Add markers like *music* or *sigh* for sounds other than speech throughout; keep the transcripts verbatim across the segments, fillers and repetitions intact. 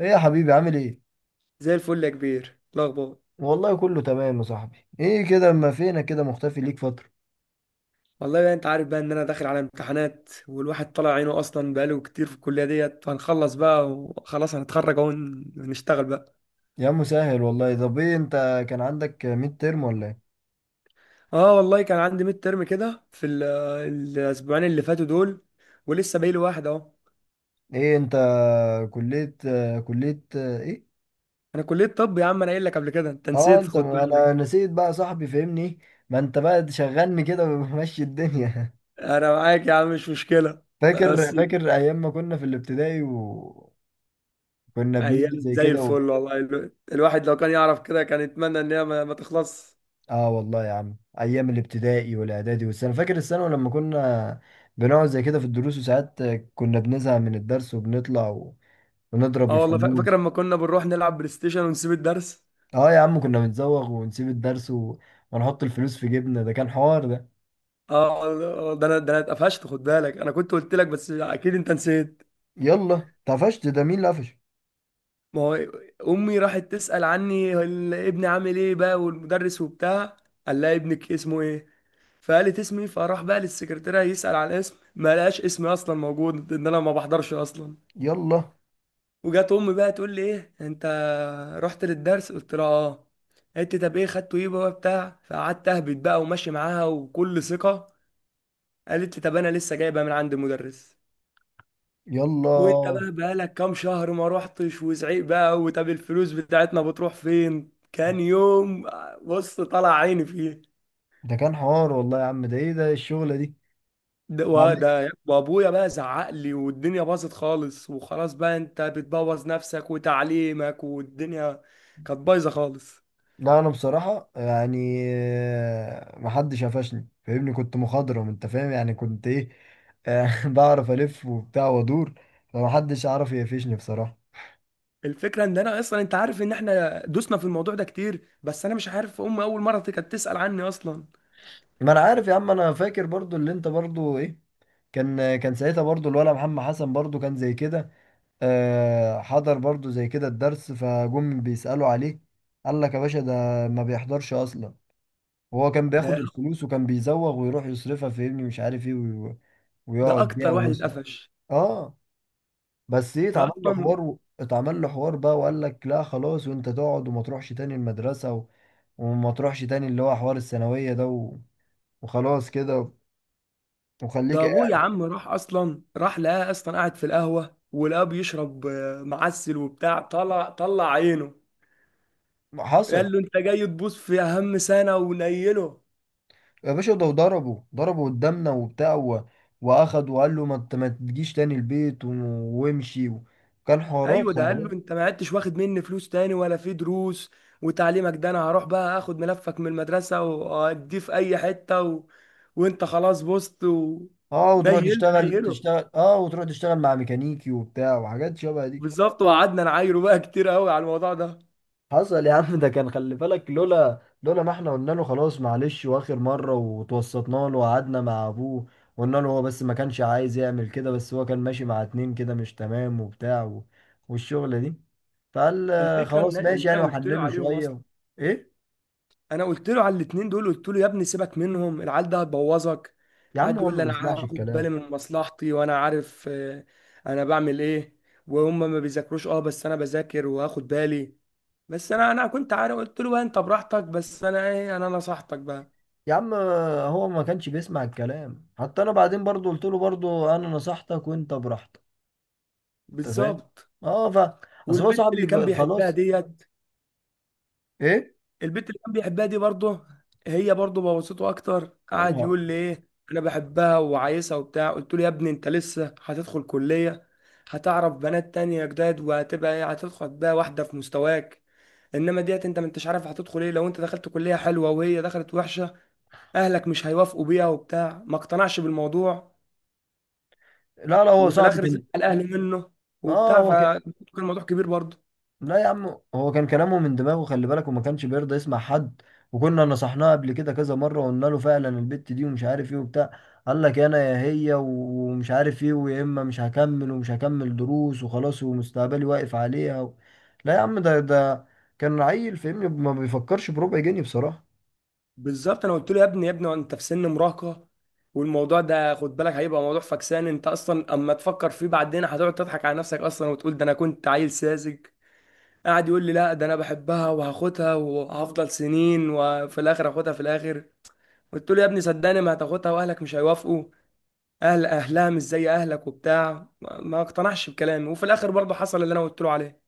ايه يا حبيبي عامل ايه؟ زي الفل يا كبير. الاخبار والله كله تمام يا صاحبي. ايه كده اما فينك كده مختفي ليك فترة. والله بقى انت عارف بقى ان انا داخل على امتحانات، والواحد طالع عينه اصلا بقاله كتير في الكليه ديت، فهنخلص بقى وخلاص هنتخرج اهو ونشتغل بقى. يا عم سهل والله. طب ايه انت، كان عندك ميد ترم ولا ايه؟ اه والله كان عندي ميد ترم كده في ال- الاسبوعين اللي فاتوا دول، ولسه باقي لي واحد اهو. ايه انت، كلية، كلية ايه؟ انا كليه طب يا عم، انا قايل لك قبل كده، انت اه نسيت انت، خد انا بالك. نسيت بقى يا صاحبي فهمني. ما انت بقى تشغلني كده ومشي الدنيا. انا معاك يا عم، مش مشكله. *laughs* فاكر بس فاكر ايام ما كنا في الابتدائي وكنا بنيجي ايام زي زي كده. الفل والله، ال- الواحد لو كان يعرف كده كان يتمنى ان هي ما ما تخلص. اه والله يا عم، ايام الابتدائي والاعدادي والسنه، فاكر الثانوي لما كنا بنقعد زي كده في الدروس، وساعات كنا بنزهق من الدرس وبنطلع و... ونضرب اه والله فا- فاكر الفلوس. لما كنا بنروح نلعب بلاي ستيشن ونسيب الدرس. اه يا عم كنا بنزوغ ونسيب الدرس و... ونحط الفلوس في جيبنا. ده كان حوار ده. اه، ده انا ده انا اتقفشت، خد بالك انا كنت قلت لك، بس اكيد انت نسيت. يلا طفشت، ده مين اللي قفش؟ ما هو امي راحت تسأل عني، ال- ابني عامل ايه بقى والمدرس وبتاع. قال لها ابنك اسمه ايه؟ فقالت اسمي، فراح بقى للسكرتيرة يسأل على الاسم، ما لقاش اسمي اصلا موجود، ان انا ما بحضرش اصلا. يلا وجات امي بقى تقول لي ايه انت رحت للدرس؟ قلت لها اه. قالت لي طب ايه خدته ايه بقى بتاع، فقعدت اهبط بقى وماشي معاها وكل ثقة. قالت لي طب انا لسه جايبها من عند المدرس، وانت يلا، بقى بقالك كام شهر ما روحتش، وزعيق بقى، وطب الفلوس بتاعتنا بتروح فين، كان يوم. بص، طلع عيني فيه. ده كان حوار والله يا عم. ده ايه ده الشغله ده دي؟ وده، وابويا بقى زعق لي والدنيا باظت خالص، وخلاص بقى، انت بتبوظ نفسك وتعليمك والدنيا. كانت بايظه خالص. لا، انا بصراحه يعني آه، محدش قفشني فاهمني، كنت مخضرم، انت فاهم، يعني كنت ايه آه، *laughs* بعرف الف وبتاع وادور، فمحدش عارف يقفشني بصراحه. الفكره ان انا اصلا، انت عارف ان احنا دوسنا في الموضوع ده كتير، بس انا مش عارف، امي اول مره كانت تسال عني اصلا. ما انا عارف يا عم. انا فاكر برضو اللي انت برضو ايه. كان كان ساعتها برضو الولا محمد حسن برضو كان زي كده آه، حضر برضو زي كده الدرس، فجم بيسالوا عليه، قال لك يا باشا ده ما بيحضرش اصلا. وهو كان بياخد ده الفلوس وكان بيزوغ ويروح يصرفها فاهمني، مش عارف ايه، وي- ده ويقعد بيها اكتر واحد ويسرق. اتقفش. اه بس ايه، ده اتعمل له اصلا حوار و- اتعمل له حوار بقى وقال لك لا خلاص، وانت تقعد وما تروحش تاني المدرسة و... وما تروحش تاني، اللي هو حوار الثانوية ده و... وخلاص كده، وخليك ده ابوه، يا قاعد. عم راح اصلا، راح لقاه اصلا قاعد في القهوه، ولقاه بيشرب آه، معسل وبتاع، طلع طلع عينه. حصل. قال له انت جاي تبوظ في اهم سنه ونيله. يا باشا ده ضربه ضربه قدامنا وبتاع و... واخد وقال له ما انت ما تجيش تاني البيت و... وامشي و... كان حوارات، ايوه، ده خلي قال له بالك. انت ما عدتش واخد مني فلوس تاني ولا في دروس وتعليمك، ده انا هروح بقى اخد ملفك من المدرسه واديه في اي حته و... وانت خلاص بوظت و... اه وتروح نيل تشتغل، نيله. تشتغل، اه وتروح تشتغل مع ميكانيكي وبتاع، وحاجات شبه دي. بالظبط، وقعدنا نعايره بقى كتير قوي على الموضوع ده. حصل يا عم. ده كان خلي بالك، لولا لولا ما احنا قلنا له خلاص معلش واخر مرة، وتوسطنا له وقعدنا مع ابوه، قلنا له. هو بس ما كانش عايز يعمل كده، بس هو كان ماشي مع اتنين كده مش تمام وبتاع و... والشغلة دي. فقال آه، الفكره ان خلاص ماشي ان انا يعني، قلت له وحنله عليهم اصلا. شوية. ايه انا قلت له على الاتنين دول، قلت له يا ابني سيبك منهم، العيال ده هتبوظك. يا عم قعد هو يقول ما لي انا بيسمعش هاخد الكلام. بالي من مصلحتي، وانا عارف آه، انا بعمل ايه، وهم ما بيذاكروش. اه، بس انا بذاكر وهاخد بالي. بس انا انا كنت عارف، قلت له بقى انت براحتك، بس انا ايه، انا نصحتك بقى. يا عم آه، هو ما كانش بيسمع الكلام، حتى انا بعدين برضو قلت له برضو انا نصحتك وانت براحتك، انت فاهم. بالظبط. اه ف... اصل هو والبنت اللي كان صاحبي بيحبها خلاص. ديت، ايه. البنت اللي كان بيحبها دي برضه، هي برضه بوظته اكتر. يا قعد نهار. يقول لي ايه، انا بحبها وعايزها وبتاع. قلت له يا ابني انت لسه هتدخل كليه، هتعرف بنات تانية جداد، وهتبقى ايه، هتدخل بقى واحده في مستواك، انما ديت انت ما انتش عارف هتدخل ايه. لو انت دخلت كليه حلوه وهي دخلت وحشه، اهلك مش هيوافقوا بيها وبتاع. ما اقتنعش بالموضوع، لا لا، هو وفي صاحبي الاخر زعل كان، اهله منه اه وبتاع، هو كان، فكان الموضوع كبير برضه. لا يا عم هو كان كلامه من دماغه خلي بالك، وما كانش بيرضى يسمع حد. وكنا نصحناه قبل كده كذا مرة وقلنا له فعلا البت دي ومش عارف ايه وبتاع. قال لك انا يا هي ومش عارف ايه، ويا اما مش هكمل ومش هكمل دروس وخلاص، ومستقبلي واقف عليها و... لا يا عم، ده ده كان عيل فاهمني، ما بيفكرش بربع جنيه بصراحة. بالظبط، انا قلت له يا ابني يا ابني انت في سن مراهقه، والموضوع ده خد بالك هيبقى موضوع فكسان. انت اصلا اما تفكر فيه بعدين هتقعد تضحك على نفسك اصلا، وتقول ده انا كنت عيل ساذج. قاعد يقول لي لا، ده انا بحبها وهاخدها، وهفضل سنين وفي الاخر هاخدها في الاخر. قلت له يا ابني صدقني ما هتاخدها، واهلك مش هيوافقوا، اهل اهلها مش زي اهلك وبتاع. ما ما اقتنعش بكلامي، وفي الاخر برضه حصل اللي انا قلت له عليه.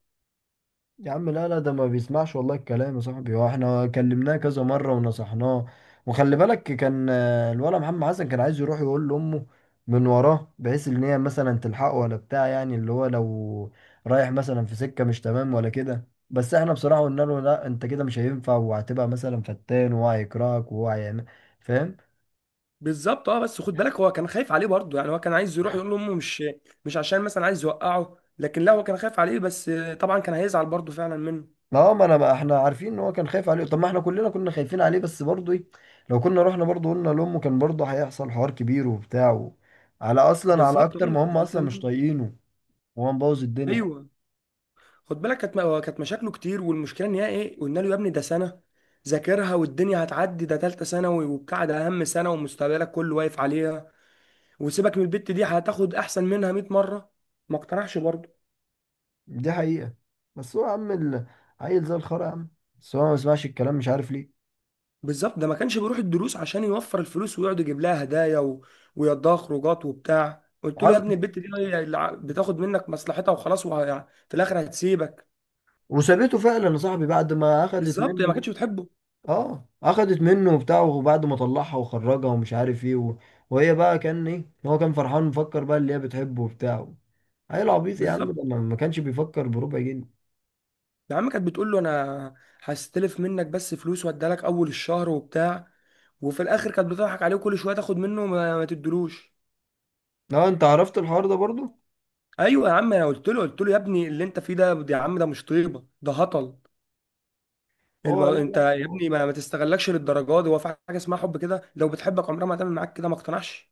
يا عم لا لا، ده ما بيسمعش والله الكلام يا صاحبي. هو احنا كلمناه كذا مرة ونصحناه. وخلي بالك كان آه، الولد محمد حسن كان عايز يروح يقول لأمه من وراه، بحيث ان هي مثلا تلحقه ولا بتاع، يعني اللي هو لو رايح مثلا في سكة مش تمام ولا كده. بس احنا بصراحة قلنا له لا، انت كده مش هينفع، وهتبقى مثلا فتان، وهو هيكرهك وهو هيعمل، فاهم. بالظبط اه، بس خد بالك هو كان خايف عليه برضه يعني، هو كان عايز يروح يقول لامه، مش مش عشان مثلا عايز يوقعه، لكن لا هو كان خايف عليه بس. طبعا كان هيزعل برضه فعلا منه. اه ما انا ما احنا عارفين ان هو كان خايف عليه. طب ما احنا كلنا كنا خايفين عليه، بس برضه ايه، لو كنا رحنا برضه قلنا لامه كان برضه هيحصل حوار كبير وبتاع و... على اصلا على بالظبط، اكتر ايوه ما هم كان اصلا هيزعل مش منه. طايقينه، وهو مبوظ الدنيا. ايوه، خد بالك كانت هو كانت مشاكله كتير، والمشكله ان هي ايه، قلنا له يا ابني ده سنه ذاكرها، والدنيا هتعدي، ده ثالثه ثانوي وبتاع، ده اهم سنه ومستقبلك كله واقف عليها، وسيبك من البت دي هتاخد احسن منها مئة مره. ما اقتنعش برضه. دي حقيقة. بس هو يا عم ال- عيل زي الخرا يا عم. بس هو ما بيسمعش الكلام مش عارف ليه. بالظبط، ده ما كانش بيروح الدروس عشان يوفر الفلوس ويقعد يجيب لها هدايا و... ويقضيها خروجات وبتاع. قلت له يا عز... ابني البت دي هي اللي ع- بتاخد منك مصلحتها وخلاص، وه... يعني في الاخر هتسيبك. وسابته فعلا يا صاحبي بعد ما اخدت بالظبط، هي ما منه. كانتش بتحبه. اه اخدت منه وبتاع، وبعد ما طلعها وخرجها ومش عارف ايه و... وهي بقى كان ايه، هو كان فرحان مفكر بقى اللي هي بتحبه وبتاع. عيل عبيط يا عم، بالظبط. ده ما ما كانش بيفكر بربع جنيه. يا عم كانت بتقول له انا هستلف منك بس فلوس واديها لك اول الشهر وبتاع، وفي الاخر كانت بتضحك عليه، وكل شويه تاخد منه ما, ما تدلوش. لا انت عرفت الحوار ده برضو. ايوه يا عم، انا قلت له قلت له يا ابني اللي انت فيه ده، يا عم ده مش طيبه، ده هطل هو المو... لا انت لا يا هو. ابني، ما, ما تستغلكش للدرجه دي، هو في حاجه اسمها حب كده، لو بتحبك عمرها ما هتعمل معاك كده. ما اقتنعش.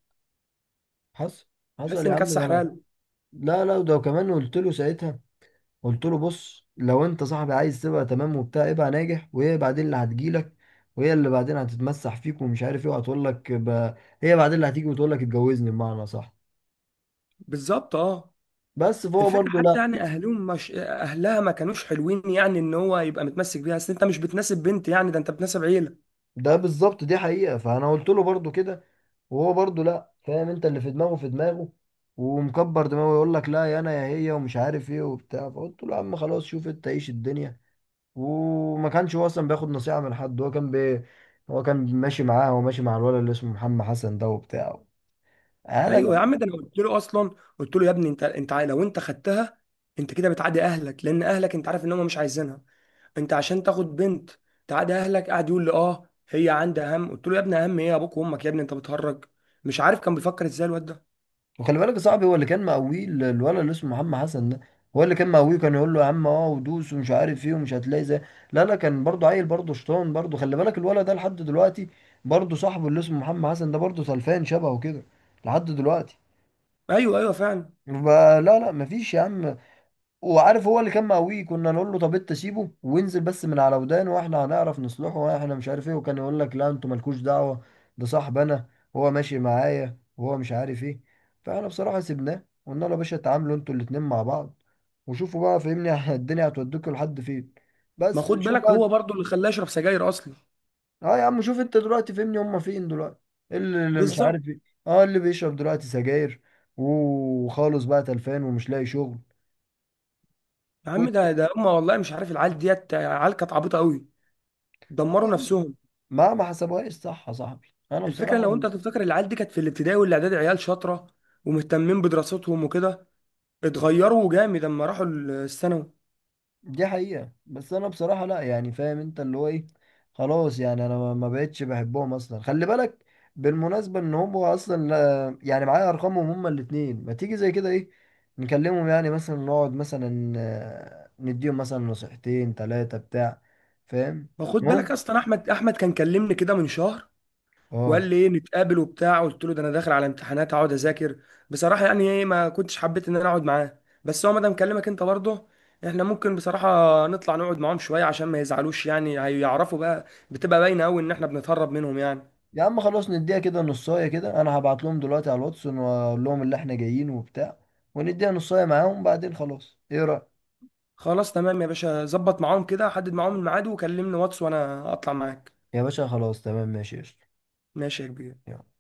حصل. حصل تحس يا ان عم كانت ده انا. سحرال. لا لا ده كمان، قلت له ساعتها، قلت له بص لو انت صاحبي عايز تبقى تمام وبتاع ابقى ناجح، وهي بعدين اللي هتجيلك، وهي اللي بعدين هتتمسح فيك ومش عارف ايه وهتقول لك ب... هي بعدين اللي هتيجي وتقول لك اتجوزني بمعنى صح. بالظبط اه. بس فهو الفكره برضو حتى لا. يعني اهلهم مش اهلها ما كانوش حلوين، يعني ان هو يبقى متمسك بيها، اصل انت مش بتناسب بنت يعني، ده انت بتناسب عيله. ده بالظبط دي حقيقة. فأنا قلت له برضو كده، وهو برضو لأ فاهم أنت، اللي في دماغه في دماغه ومكبر دماغه، يقول لك لا يا أنا يا هي ومش عارف إيه وبتاع. فقلت له يا عم خلاص شوف أنت عيش الدنيا. وما كانش هو أصلا بياخد نصيحة من حد. هو كان بي... هو كان ماشي معاه وماشي مع الولد اللي اسمه محمد حسن ده وبتاع. أنا جاب. ايوه يا عم، ده انا قلت له اصلا، قلت له يا ابني، انت انت عا- لو انت خدتها انت كده بتعادي اهلك، لان اهلك انت عارف ان هم مش عايزينها. انت عشان تاخد بنت تعاد اهلك؟ قاعد يقول لي اه هي عندها هم. قلت له يا ابني هم ايه؟ ابوك وامك يا ابني، انت بتهرج. مش عارف كان بيفكر ازاي الواد ده. وخلي بالك يا صاحبي هو اللي كان مقويه، ال- الولد اللي اسمه محمد حسن ده هو اللي كان مقويه، كان يقول له يا عم اه ودوس ومش عارف ايه ومش هتلاقي زي. لا لا، كان برضه عيل برضه شطان برضه، خلي بالك الولد ده لحد دلوقتي برضه صاحبه اللي اسمه محمد حسن ده برضه سلفان شبهه كده لحد دلوقتي. ايوه، ايوه فعلا. فلا لا لا مفيش يا عم. وعارف هو اللي كان مقويه، كنا نقول له طب انت سيبه، وانزل بس من على ودانه واحنا هنعرف نصلحه، واحنا مش عارف ايه، وكان يقول لك لا انتوا مالكوش دعوه، ده صاحبنا، هو ماشي معايا وهو مش عارف ايه. فاحنا بصراحه سيبناه، قلنا له يا باشا اتعاملوا انتوا الاتنين مع بعض وشوفوا بقى فهمني، *laughs* الدنيا هتوديكوا لحد فين، ما بس خد شوف بالك بقى. هو برضو اللي خلاه يشرب سجاير اصلا. اه يا عم شوف انت دلوقتي فهمني، هما فين دلوقتي؟ إيه اللي اللي مش بالظبط. عارف ايه. اه اللي بيشرب دلوقتي سجاير وخالص بقى تلفان ومش لاقي شغل. يا عم وت... ده ده هم والله، مش عارف العيال ديت عيال كانت عبيطه قوي، اه دمروا يا عم، نفسهم. ما ما حسبوهاش صح يا صاحبي انا الفكره بصراحه. لو انت تفتكر العيال دي كانت في الابتدائي والاعدادي عيال شاطره ومهتمين بدراستهم وكده، اتغيروا جامد لما راحوا الثانوي. دي حقيقه. بس انا بصراحه لا يعني فاهم انت اللي هو ايه، خلاص يعني انا ما ما بقتش بحبهم اصلا خلي بالك. بالمناسبه ان هم اصلا لا يعني، معايا ارقامهم هما الاثنين، ما تيجي زي كده ايه نكلمهم، يعني مثلا نقعد مثلا آه، نديهم مثلا نصيحتين ثلاثه بتاع، فاهم. ما خد بالك ممكن. اصلا، احمد احمد كان كلمني كده من شهر، وقال اه لي ايه نتقابل وبتاع. قلت له ده انا داخل على امتحانات اقعد اذاكر. بصراحه يعني ايه، ما كنتش حبيت ان انا اقعد معاه، بس هو مادام كلمك انت برضه، احنا ممكن بصراحه نطلع نقعد معاهم شويه عشان ما يزعلوش، يعني هيعرفوا بقى، بتبقى باينه قوي ان احنا بنتهرب منهم يعني. يا عم خلاص نديها كده نصايه كده، انا هبعت لهم دلوقتي على الواتس واقول لهم اللي احنا جايين وبتاع، ونديها نصايه معاهم بعدين خلاص، ايه رأيك؟ خلاص تمام يا باشا، ظبط معاهم كده، حدد معاهم الميعاد وكلمني واتس وانا اطلع معاك. يا باشا خلاص تمام ماشي قشطة. ماشي يا كبير. يلا.